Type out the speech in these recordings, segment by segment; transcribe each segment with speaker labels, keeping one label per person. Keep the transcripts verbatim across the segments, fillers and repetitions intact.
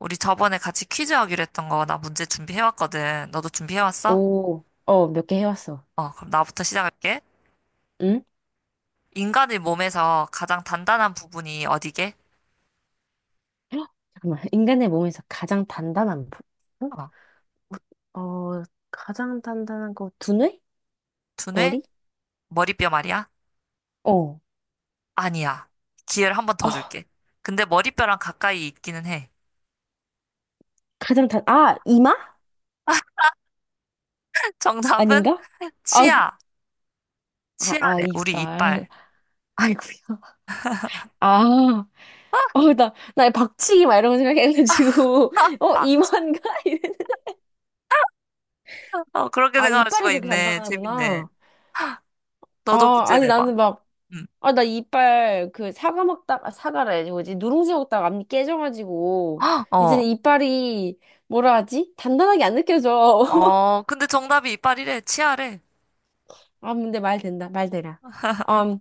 Speaker 1: 우리 저번에 같이 퀴즈 하기로 했던 거 나 문제 준비해왔거든. 너도 준비해왔어?
Speaker 2: 오, 어, 몇 개 해왔어.
Speaker 1: 어, 그럼 나부터 시작할게.
Speaker 2: 응?
Speaker 1: 인간의 몸에서 가장 단단한 부분이 어디게?
Speaker 2: 헉, 잠깐만. 인간의 몸에서 가장 단단한 부분?
Speaker 1: 어,
Speaker 2: 어, 가장 단단한 거, 두뇌?
Speaker 1: 두뇌?
Speaker 2: 머리?
Speaker 1: 머리뼈 말이야?
Speaker 2: 어.
Speaker 1: 아니야. 기회를 한 번 더
Speaker 2: 아,
Speaker 1: 줄게. 근데 머리뼈랑 가까이 있기는 해.
Speaker 2: 가장 단, 아, 이마?
Speaker 1: 정답은
Speaker 2: 아닌가? 아,
Speaker 1: 치아.
Speaker 2: 아, 아,
Speaker 1: 치아래. 우리
Speaker 2: 이빨.
Speaker 1: 이빨.
Speaker 2: 아이고야. 아, 어, 나, 나 박치기 막 이런 거 생각해가지고, 어,
Speaker 1: 빡.
Speaker 2: 이마인가? 이랬는데.
Speaker 1: 어, 그렇게
Speaker 2: 아,
Speaker 1: 생각할 수가
Speaker 2: 이빨이 그렇게
Speaker 1: 있네. 재밌네.
Speaker 2: 단단하구나.
Speaker 1: 너도
Speaker 2: 아,
Speaker 1: 문제
Speaker 2: 아니,
Speaker 1: 내봐.
Speaker 2: 나는 막,
Speaker 1: 응.
Speaker 2: 아, 나 이빨, 그, 사과 먹다가, 사과라 해야지, 뭐지? 누룽지 먹다가 앞니 깨져가지고, 이제
Speaker 1: 어.
Speaker 2: 이빨이, 뭐라 하지? 단단하게 안 느껴져.
Speaker 1: 어, 근데 정답이 이빨이래. 치아래.
Speaker 2: 아, 근데 말 된다, 말 되라. 음,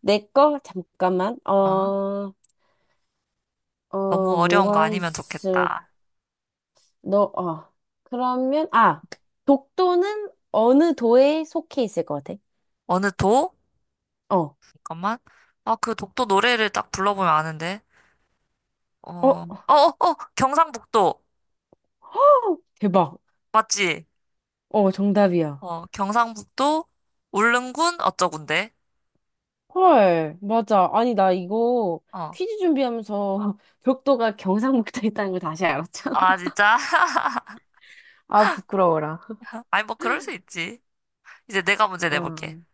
Speaker 2: 내 거? 잠깐만.
Speaker 1: 어,
Speaker 2: 어,
Speaker 1: 너무
Speaker 2: 어,
Speaker 1: 어려운 거
Speaker 2: 뭐가
Speaker 1: 아니면
Speaker 2: 있을,
Speaker 1: 좋겠다.
Speaker 2: 너, 어. 그러면, 아, 독도는 어느 도에 속해 있을 것 같아?
Speaker 1: 어느 도?
Speaker 2: 어,
Speaker 1: 잠깐만. 아, 그 독도 노래를 딱 불러보면 아는데. 어,
Speaker 2: 어,
Speaker 1: 어, 어, 어, 경상북도.
Speaker 2: 대박.
Speaker 1: 맞지?
Speaker 2: 어, 정답이야.
Speaker 1: 어, 경상북도, 울릉군, 어쩌군데.
Speaker 2: 헐, 맞아. 아니, 나 이거
Speaker 1: 어.
Speaker 2: 퀴즈 준비하면서 벽도가 경상북도에 있다는 걸 다시 알았잖아.
Speaker 1: 아, 진짜?
Speaker 2: 아, 부끄러워라.
Speaker 1: 아니, 뭐, 그럴 수 있지. 이제 내가 문제 내볼게.
Speaker 2: 응.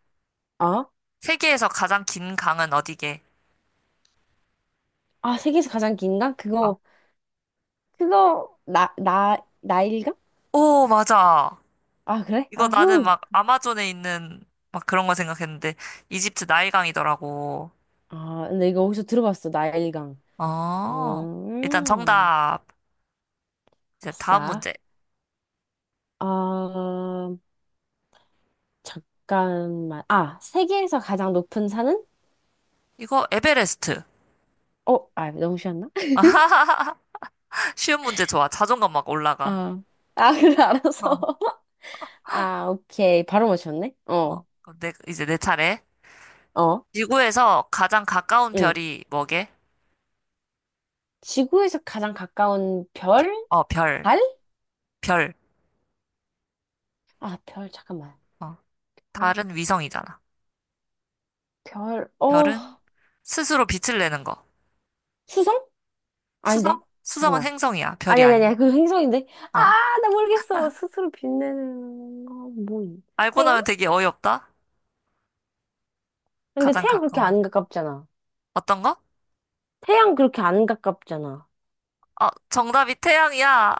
Speaker 2: 아?
Speaker 1: 세계에서 가장 긴 강은 어디게?
Speaker 2: 아, 세계에서 가장 긴가?
Speaker 1: 아.
Speaker 2: 그거, 그거, 나, 나, 나일강?
Speaker 1: 오, 맞아.
Speaker 2: 아, 그래? 아,
Speaker 1: 이거 나는
Speaker 2: 후.
Speaker 1: 막 아마존에 있는 막 그런 거 생각했는데, 이집트 나일강이더라고.
Speaker 2: 아, 근데 이거 어디서 들어봤어, 나일강. 어,
Speaker 1: 어, 일단
Speaker 2: 음,
Speaker 1: 정답. 이제 다음
Speaker 2: 아싸.
Speaker 1: 문제.
Speaker 2: 아, 잠깐만. 아, 세계에서 가장 높은 산은?
Speaker 1: 이거 에베레스트.
Speaker 2: 어, 아, 너무 쉬웠나?
Speaker 1: 아하하. 쉬운 문제 좋아. 자존감 막 올라가.
Speaker 2: 아, 아, 그래, 알았어. 아, 오케이. 바로 맞췄네?
Speaker 1: 어,
Speaker 2: 어,
Speaker 1: 어. 그럼 내, 이제 내 차례.
Speaker 2: 어,
Speaker 1: 지구에서 가장 가까운
Speaker 2: 응.
Speaker 1: 별이 뭐게?
Speaker 2: 지구에서 가장 가까운 별?
Speaker 1: 어, 별.
Speaker 2: 달?
Speaker 1: 별.
Speaker 2: 아, 별, 잠깐만.
Speaker 1: 어.
Speaker 2: 별,
Speaker 1: 달은 위성이잖아.
Speaker 2: 별, 어,
Speaker 1: 별은 스스로 빛을 내는 거.
Speaker 2: 수성?
Speaker 1: 수성?
Speaker 2: 아닌데.
Speaker 1: 수성은
Speaker 2: 잠깐만.
Speaker 1: 행성이야. 별이
Speaker 2: 아니, 아니,
Speaker 1: 아니야.
Speaker 2: 아니, 그 행성인데. 아,
Speaker 1: 어.
Speaker 2: 나 모르겠어. 스스로 빛내는 거, 뭐,
Speaker 1: 알고
Speaker 2: 태양?
Speaker 1: 나면 되게 어이없다.
Speaker 2: 근데
Speaker 1: 가장
Speaker 2: 태양 그렇게
Speaker 1: 가까운
Speaker 2: 안
Speaker 1: 별.
Speaker 2: 가깝잖아.
Speaker 1: 어떤 거?
Speaker 2: 태양 그렇게 안 가깝잖아.
Speaker 1: 어, 정답이 태양이야.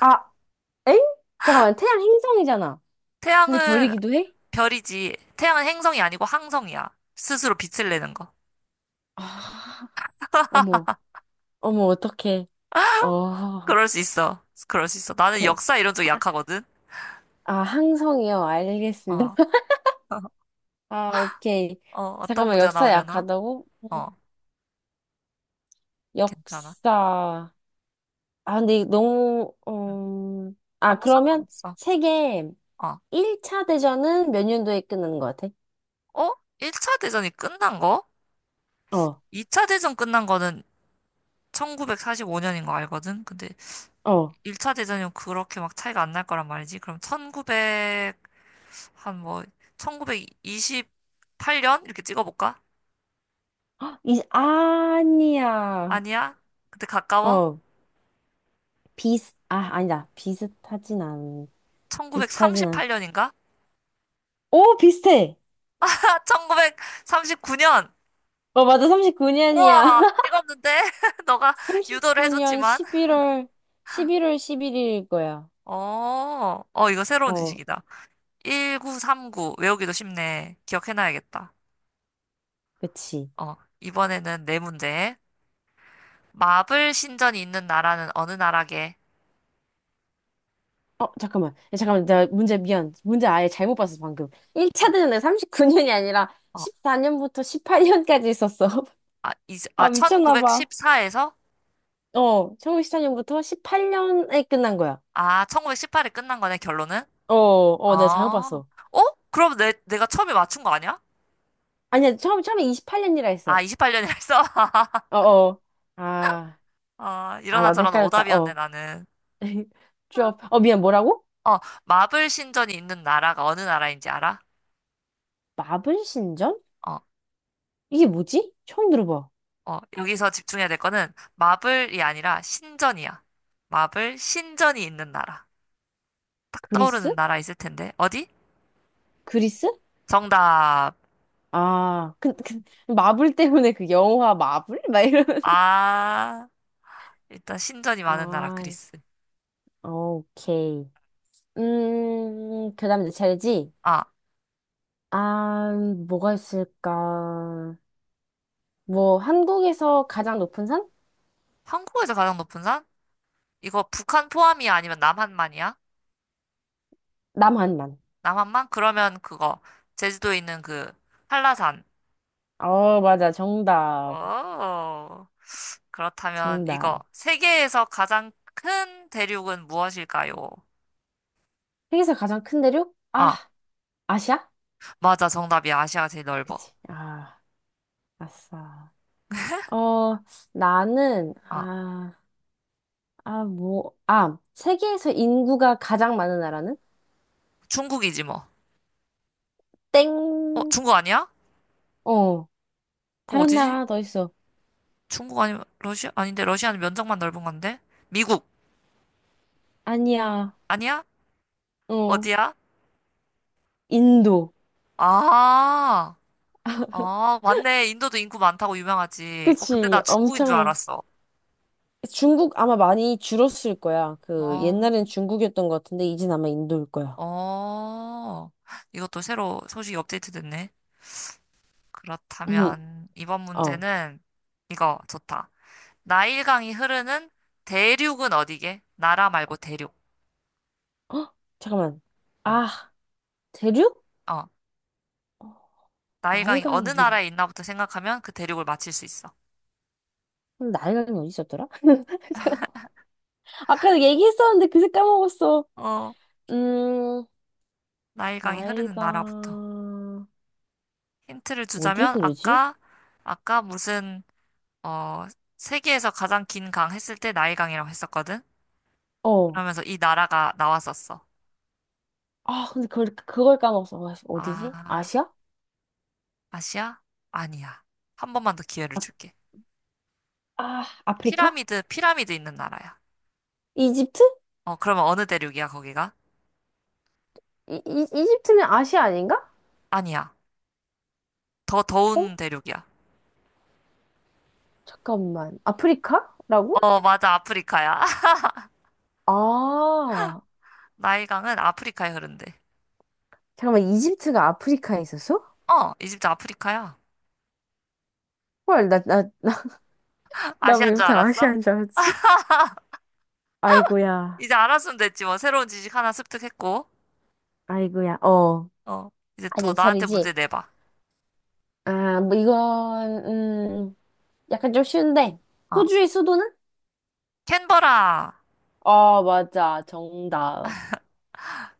Speaker 2: 아, 엥? 잠깐만, 태양 행성이잖아. 근데
Speaker 1: 태양은
Speaker 2: 별이기도 해?
Speaker 1: 별이지. 태양은 행성이 아니고 항성이야. 스스로 빛을 내는 거.
Speaker 2: 아, 어머, 어머, 어떡해. 어,
Speaker 1: 그럴 수 있어. 그럴 수 있어. 나는
Speaker 2: 별.
Speaker 1: 역사 이런 쪽
Speaker 2: 아.
Speaker 1: 약하거든.
Speaker 2: 아, 항성이요. 알겠습니다.
Speaker 1: 어.
Speaker 2: 아, 오케이.
Speaker 1: 어, 어떤
Speaker 2: 잠깐만,
Speaker 1: 문제 가
Speaker 2: 역사
Speaker 1: 나오려나?
Speaker 2: 약하다고?
Speaker 1: 어,
Speaker 2: 음,
Speaker 1: 괜찮아.
Speaker 2: 역사. 아, 근데 이거 너무,
Speaker 1: 응.
Speaker 2: 음, 아,
Speaker 1: 아무
Speaker 2: 그러면
Speaker 1: 상관없어.
Speaker 2: 세계
Speaker 1: 어.
Speaker 2: 일 차 대전은 몇 년도에 끝나는 것 같아?
Speaker 1: 어? 일 차 대전이 끝난 거?
Speaker 2: 어,
Speaker 1: 이 차 대전 끝난 거는 천구백사십오 년인 거 알거든? 근데
Speaker 2: 어.
Speaker 1: 일 차 대전이면 그렇게 막 차이가 안 날 거란 말이지. 그럼 천구백, 한 뭐, 천구백이십팔 년? 이렇게 찍어볼까?
Speaker 2: 헉, 이, 아니야.
Speaker 1: 아니야? 근데 가까워?
Speaker 2: 어, 비슷, 아, 아니다. 비슷하진 않, 비슷하진 않.
Speaker 1: 천구백삼십팔 년인가?
Speaker 2: 오, 비슷해!
Speaker 1: 아, 천구백삼십구 년!
Speaker 2: 어, 맞아. 삼십구 년이야.
Speaker 1: 우와, 찍었는데? 너가 유도를
Speaker 2: 삼십구 년
Speaker 1: 해줬지만.
Speaker 2: 십일 월, 십일 월 십일 일일 거야.
Speaker 1: 어, 어, 이거 새로운
Speaker 2: 어.
Speaker 1: 지식이다. 천구백삼십구. 외우기도 쉽네. 기억해놔야겠다.
Speaker 2: 그치.
Speaker 1: 어, 이번에는 네 문제. 마블 신전이 있는 나라는 어느 나라게?
Speaker 2: 어, 잠깐만. 야, 잠깐만. 내가 문제, 미안. 문제 아예 잘못 봤어, 방금. 일 차 대전에 삼십구 년이 아니라
Speaker 1: 어,
Speaker 2: 십사 년부터 십팔 년까지 있었어.
Speaker 1: 아, 이, 아,
Speaker 2: 아, 미쳤나 봐.
Speaker 1: 천구백십사에서?
Speaker 2: 어, 일 구십사 년부터 십팔 년에 끝난 거야.
Speaker 1: 아, 천구백십팔에 끝난 거네, 결론은?
Speaker 2: 어,
Speaker 1: 어,
Speaker 2: 어, 내가 잘못
Speaker 1: 어?
Speaker 2: 봤어.
Speaker 1: 그럼 내, 내가 처음에 맞춘 거 아니야?
Speaker 2: 아니야, 처음, 처음에 이십팔 년이라
Speaker 1: 아,
Speaker 2: 했어.
Speaker 1: 이십팔 년이라 했어?
Speaker 2: 어, 어. 아,
Speaker 1: 아,
Speaker 2: 아,
Speaker 1: 이러나
Speaker 2: 나도
Speaker 1: 저러나
Speaker 2: 헷갈렸다.
Speaker 1: 오답이었네,
Speaker 2: 어.
Speaker 1: 나는.
Speaker 2: 쭉. 어, 미안, 뭐라고?
Speaker 1: 어, 마블 신전이 있는 나라가 어느 나라인지 알아?
Speaker 2: 마블 신전?
Speaker 1: 어,
Speaker 2: 이게 뭐지? 처음 들어봐.
Speaker 1: 어, 여기서 집중해야 될 거는 마블이 아니라 신전이야. 마블 신전이 있는 나라. 딱
Speaker 2: 그리스?
Speaker 1: 떠오르는 나라 있을 텐데. 어디?
Speaker 2: 그리스?
Speaker 1: 정답.
Speaker 2: 아, 그, 그, 마블 때문에 그 영화 마블? 막 이러면서.
Speaker 1: 아, 일단 신전이 많은 나라
Speaker 2: 아,
Speaker 1: 그리스.
Speaker 2: 오케이. 음, 그 다음 이제 젤지.
Speaker 1: 아,
Speaker 2: 아, 뭐가 있을까? 뭐, 한국에서 가장 높은 산?
Speaker 1: 한국에서 가장 높은 산? 이거 북한 포함이야? 아니면 남한만이야?
Speaker 2: 남한만.
Speaker 1: 남한만? 그러면 그거. 제주도에 있는 그 한라산.
Speaker 2: 어, 맞아. 정답.
Speaker 1: 오, 그렇다면 이거.
Speaker 2: 정답.
Speaker 1: 세계에서 가장 큰 대륙은 무엇일까요?
Speaker 2: 세계에서 가장 큰 대륙? 아,
Speaker 1: 아,
Speaker 2: 아시아?
Speaker 1: 맞아. 정답이야. 아시아가 제일 넓어.
Speaker 2: 그치. 아, 아싸. 어, 나는,
Speaker 1: 아,
Speaker 2: 아, 아, 뭐, 아, 세계에서 인구가 가장 많은 나라는?
Speaker 1: 중국이지 뭐.
Speaker 2: 땡.
Speaker 1: 어, 중국 아니야?
Speaker 2: 어,
Speaker 1: 그럼
Speaker 2: 다른
Speaker 1: 어디지?
Speaker 2: 나라 하나 더 있어.
Speaker 1: 중국 아니면 러시아? 아닌데 러시아는 면적만 넓은 건데. 미국
Speaker 2: 아니야,
Speaker 1: 아니야?
Speaker 2: 어,
Speaker 1: 어디야?
Speaker 2: 인도.
Speaker 1: 아, 아, 맞네. 인도도 인구 많다고 유명하지. 어, 근데
Speaker 2: 그치,
Speaker 1: 나 중국인
Speaker 2: 엄청,
Speaker 1: 줄
Speaker 2: 많-
Speaker 1: 알았어.
Speaker 2: 중국 아마 많이 줄었을 거야. 그,
Speaker 1: 어,
Speaker 2: 옛날엔 중국이었던 것 같은데, 이젠 아마 인도일 거야.
Speaker 1: 어, 이것도 새로 소식이 업데이트 됐네.
Speaker 2: 음,
Speaker 1: 그렇다면 이번
Speaker 2: 어,
Speaker 1: 문제는 이거 좋다. 나일강이 흐르는 대륙은 어디게? 나라 말고 대륙.
Speaker 2: 헉, 잠깐만.
Speaker 1: 응.
Speaker 2: 아, 대륙?
Speaker 1: 어.
Speaker 2: 어,
Speaker 1: 나일강이 어느
Speaker 2: 나일강이 근데.
Speaker 1: 나라에 있나부터 생각하면 그 대륙을 맞힐 수 있어.
Speaker 2: 근데 나일강이 어디 있었더라? 잠깐만. 아까 얘기했었는데 그새 까먹었어.
Speaker 1: 어,
Speaker 2: 음,
Speaker 1: 나일강이 흐르는 나라부터.
Speaker 2: 나일강,
Speaker 1: 힌트를
Speaker 2: 어디
Speaker 1: 주자면
Speaker 2: 흐르지?
Speaker 1: 아까 아까 무슨 어 세계에서 가장 긴 강 했을 때 나일강이라고 했었거든.
Speaker 2: 어.
Speaker 1: 그러면서 이 나라가 나왔었어.
Speaker 2: 아, 근데 그걸, 그걸 까먹었어. 아, 어디지?
Speaker 1: 아,
Speaker 2: 아시아?
Speaker 1: 아시아? 아니야. 한 번만 더 기회를 줄게.
Speaker 2: 아, 아프리카?
Speaker 1: 피라미드, 피라미드 있는 나라야.
Speaker 2: 이집트?
Speaker 1: 어, 그러면 어느 대륙이야, 거기가?
Speaker 2: 이, 이, 이집트는 아시아 아닌가?
Speaker 1: 아니야. 더
Speaker 2: 어?
Speaker 1: 더운 대륙이야.
Speaker 2: 잠깐만. 아프리카라고?
Speaker 1: 어, 맞아. 아프리카야.
Speaker 2: 아,
Speaker 1: 나일강은 아프리카에 흐른대.
Speaker 2: 잠깐만. 이집트가 아프리카에 있었어?
Speaker 1: 어, 이집트 아프리카야.
Speaker 2: 헐, 나, 나, 나, 나
Speaker 1: 아시안
Speaker 2: 왜
Speaker 1: 줄
Speaker 2: 이렇게
Speaker 1: 알았어?
Speaker 2: 아시아인 줄 알았지? 아이고야,
Speaker 1: 이제 알았으면 됐지 뭐 새로운 지식 하나 습득했고
Speaker 2: 아이고야, 어.
Speaker 1: 어 이제
Speaker 2: 아저
Speaker 1: 또 나한테 문제
Speaker 2: 차리지?
Speaker 1: 내봐
Speaker 2: 아, 뭐, 이건, 음, 약간 좀 쉬운데.
Speaker 1: 어
Speaker 2: 호주의 수도는?
Speaker 1: 캔버라.
Speaker 2: 아, 맞아. 정답.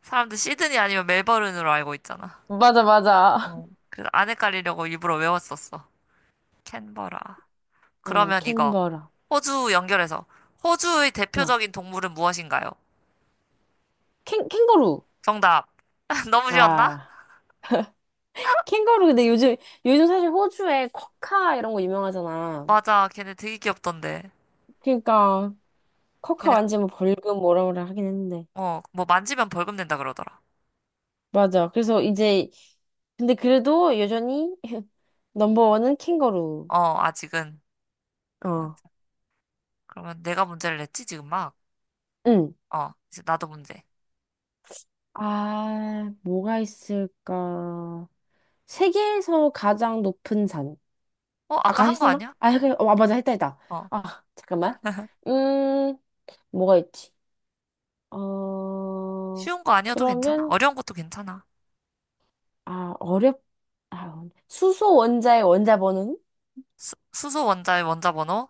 Speaker 1: 사람들 시드니 아니면 멜버른으로 알고 있잖아.
Speaker 2: 맞아, 맞아.
Speaker 1: 어 그래서 안 헷갈리려고 일부러 외웠었어. 캔버라.
Speaker 2: 어,
Speaker 1: 그러면 이거
Speaker 2: 캔버라.
Speaker 1: 호주 연결해서 호주의
Speaker 2: 어,
Speaker 1: 대표적인 동물은 무엇인가요?
Speaker 2: 캥, 캥거루.
Speaker 1: 정답. 너무 쉬웠나?
Speaker 2: 아. 캥거루 근데 요즘 요즘 사실 호주에 쿼카 이런 거 유명하잖아.
Speaker 1: 맞아 걔네 되게 귀엽던데.
Speaker 2: 그러니까 쿼카
Speaker 1: 걔네
Speaker 2: 완전 뭐 벌금 뭐라 뭐라 하긴 했는데.
Speaker 1: 어 뭐 만지면 벌금 낸다 그러더라.
Speaker 2: 맞아. 그래서
Speaker 1: 어
Speaker 2: 이제 근데 그래도 여전히 넘버원은 캥거루.
Speaker 1: 어, 아직은
Speaker 2: 어.
Speaker 1: 맞아. 그러면 내가 문제를 냈지 지금 막
Speaker 2: 응.
Speaker 1: 어, 이제 나도 문제.
Speaker 2: 아, 뭐가 있을까? 세계에서 가장 높은 산.
Speaker 1: 어, 아까
Speaker 2: 아까
Speaker 1: 한 거
Speaker 2: 했었나?
Speaker 1: 아니야?
Speaker 2: 아, 그- 어, 맞아. 했다 했다.
Speaker 1: 어,
Speaker 2: 아, 잠깐만. 음, 뭐가 있지? 어,
Speaker 1: 쉬운 거 아니어도 괜찮아.
Speaker 2: 그러면
Speaker 1: 어려운 것도 괜찮아.
Speaker 2: 아, 어렵, 아, 수소 원자의 원자 번호는?
Speaker 1: 수, 수소 원자의 원자 번호,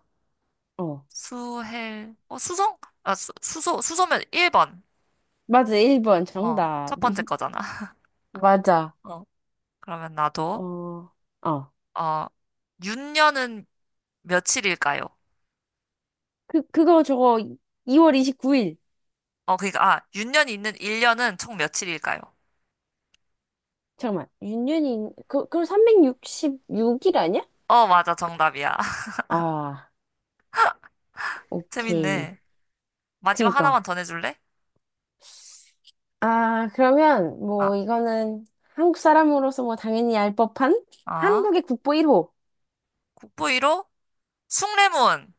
Speaker 2: 어,
Speaker 1: 수헬, 어, 수소? 아, 수, 수소, 수소면 일 번.
Speaker 2: 맞아, 일 번
Speaker 1: 어,
Speaker 2: 정답.
Speaker 1: 첫 번째 거잖아.
Speaker 2: 맞아.
Speaker 1: 어, 그러면 나도,
Speaker 2: 어, 어.
Speaker 1: 어, 윤년은 며칠일까요?
Speaker 2: 그, 그거 저거 이 월 이십구 일.
Speaker 1: 어, 그니까, 아, 윤년이 있는 일 년은 총 며칠일까요?
Speaker 2: 잠깐만. 윤년이, 그, 그럼 삼백육십육 일 아니야?
Speaker 1: 어, 맞아, 정답이야.
Speaker 2: 아, 오케이.
Speaker 1: 재밌네. 마지막
Speaker 2: 그니까.
Speaker 1: 하나만 더 내줄래?
Speaker 2: 아, 그러면
Speaker 1: 아,
Speaker 2: 뭐 이거는 한국 사람으로서 뭐 당연히 알 법한
Speaker 1: 아,
Speaker 2: 한국의 국보 일 호.
Speaker 1: 국보 일 호, 숭례문.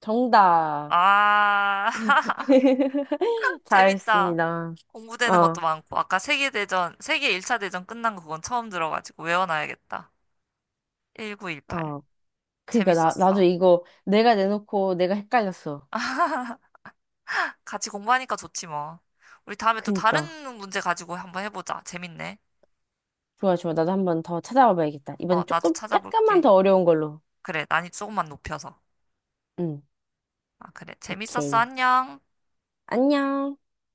Speaker 2: 정답.
Speaker 1: 아. 재밌다.
Speaker 2: 잘했습니다.
Speaker 1: 공부되는 것도
Speaker 2: 어,
Speaker 1: 많고, 아까 세계대전, 세계 일 차 대전 끝난 거 그건 처음 들어가지고 외워놔야겠다. 천구백십팔.
Speaker 2: 어. 그니까 나 나도
Speaker 1: 재밌었어.
Speaker 2: 이거 내가 내놓고 내가 헷갈렸어.
Speaker 1: 같이 공부하니까 좋지 뭐. 우리 다음에 또
Speaker 2: 그니까
Speaker 1: 다른 문제 가지고 한번 해보자. 재밌네.
Speaker 2: 좋아 좋아 나도 한 번 더 찾아와 봐야겠다.
Speaker 1: 어,
Speaker 2: 이번엔
Speaker 1: 나도
Speaker 2: 조금 약간만
Speaker 1: 찾아볼게.
Speaker 2: 더 어려운 걸로.
Speaker 1: 그래, 난이 조금만 높여서.
Speaker 2: 응
Speaker 1: 아, 그래. 재밌었어.
Speaker 2: 오케이
Speaker 1: 안녕.
Speaker 2: 안녕.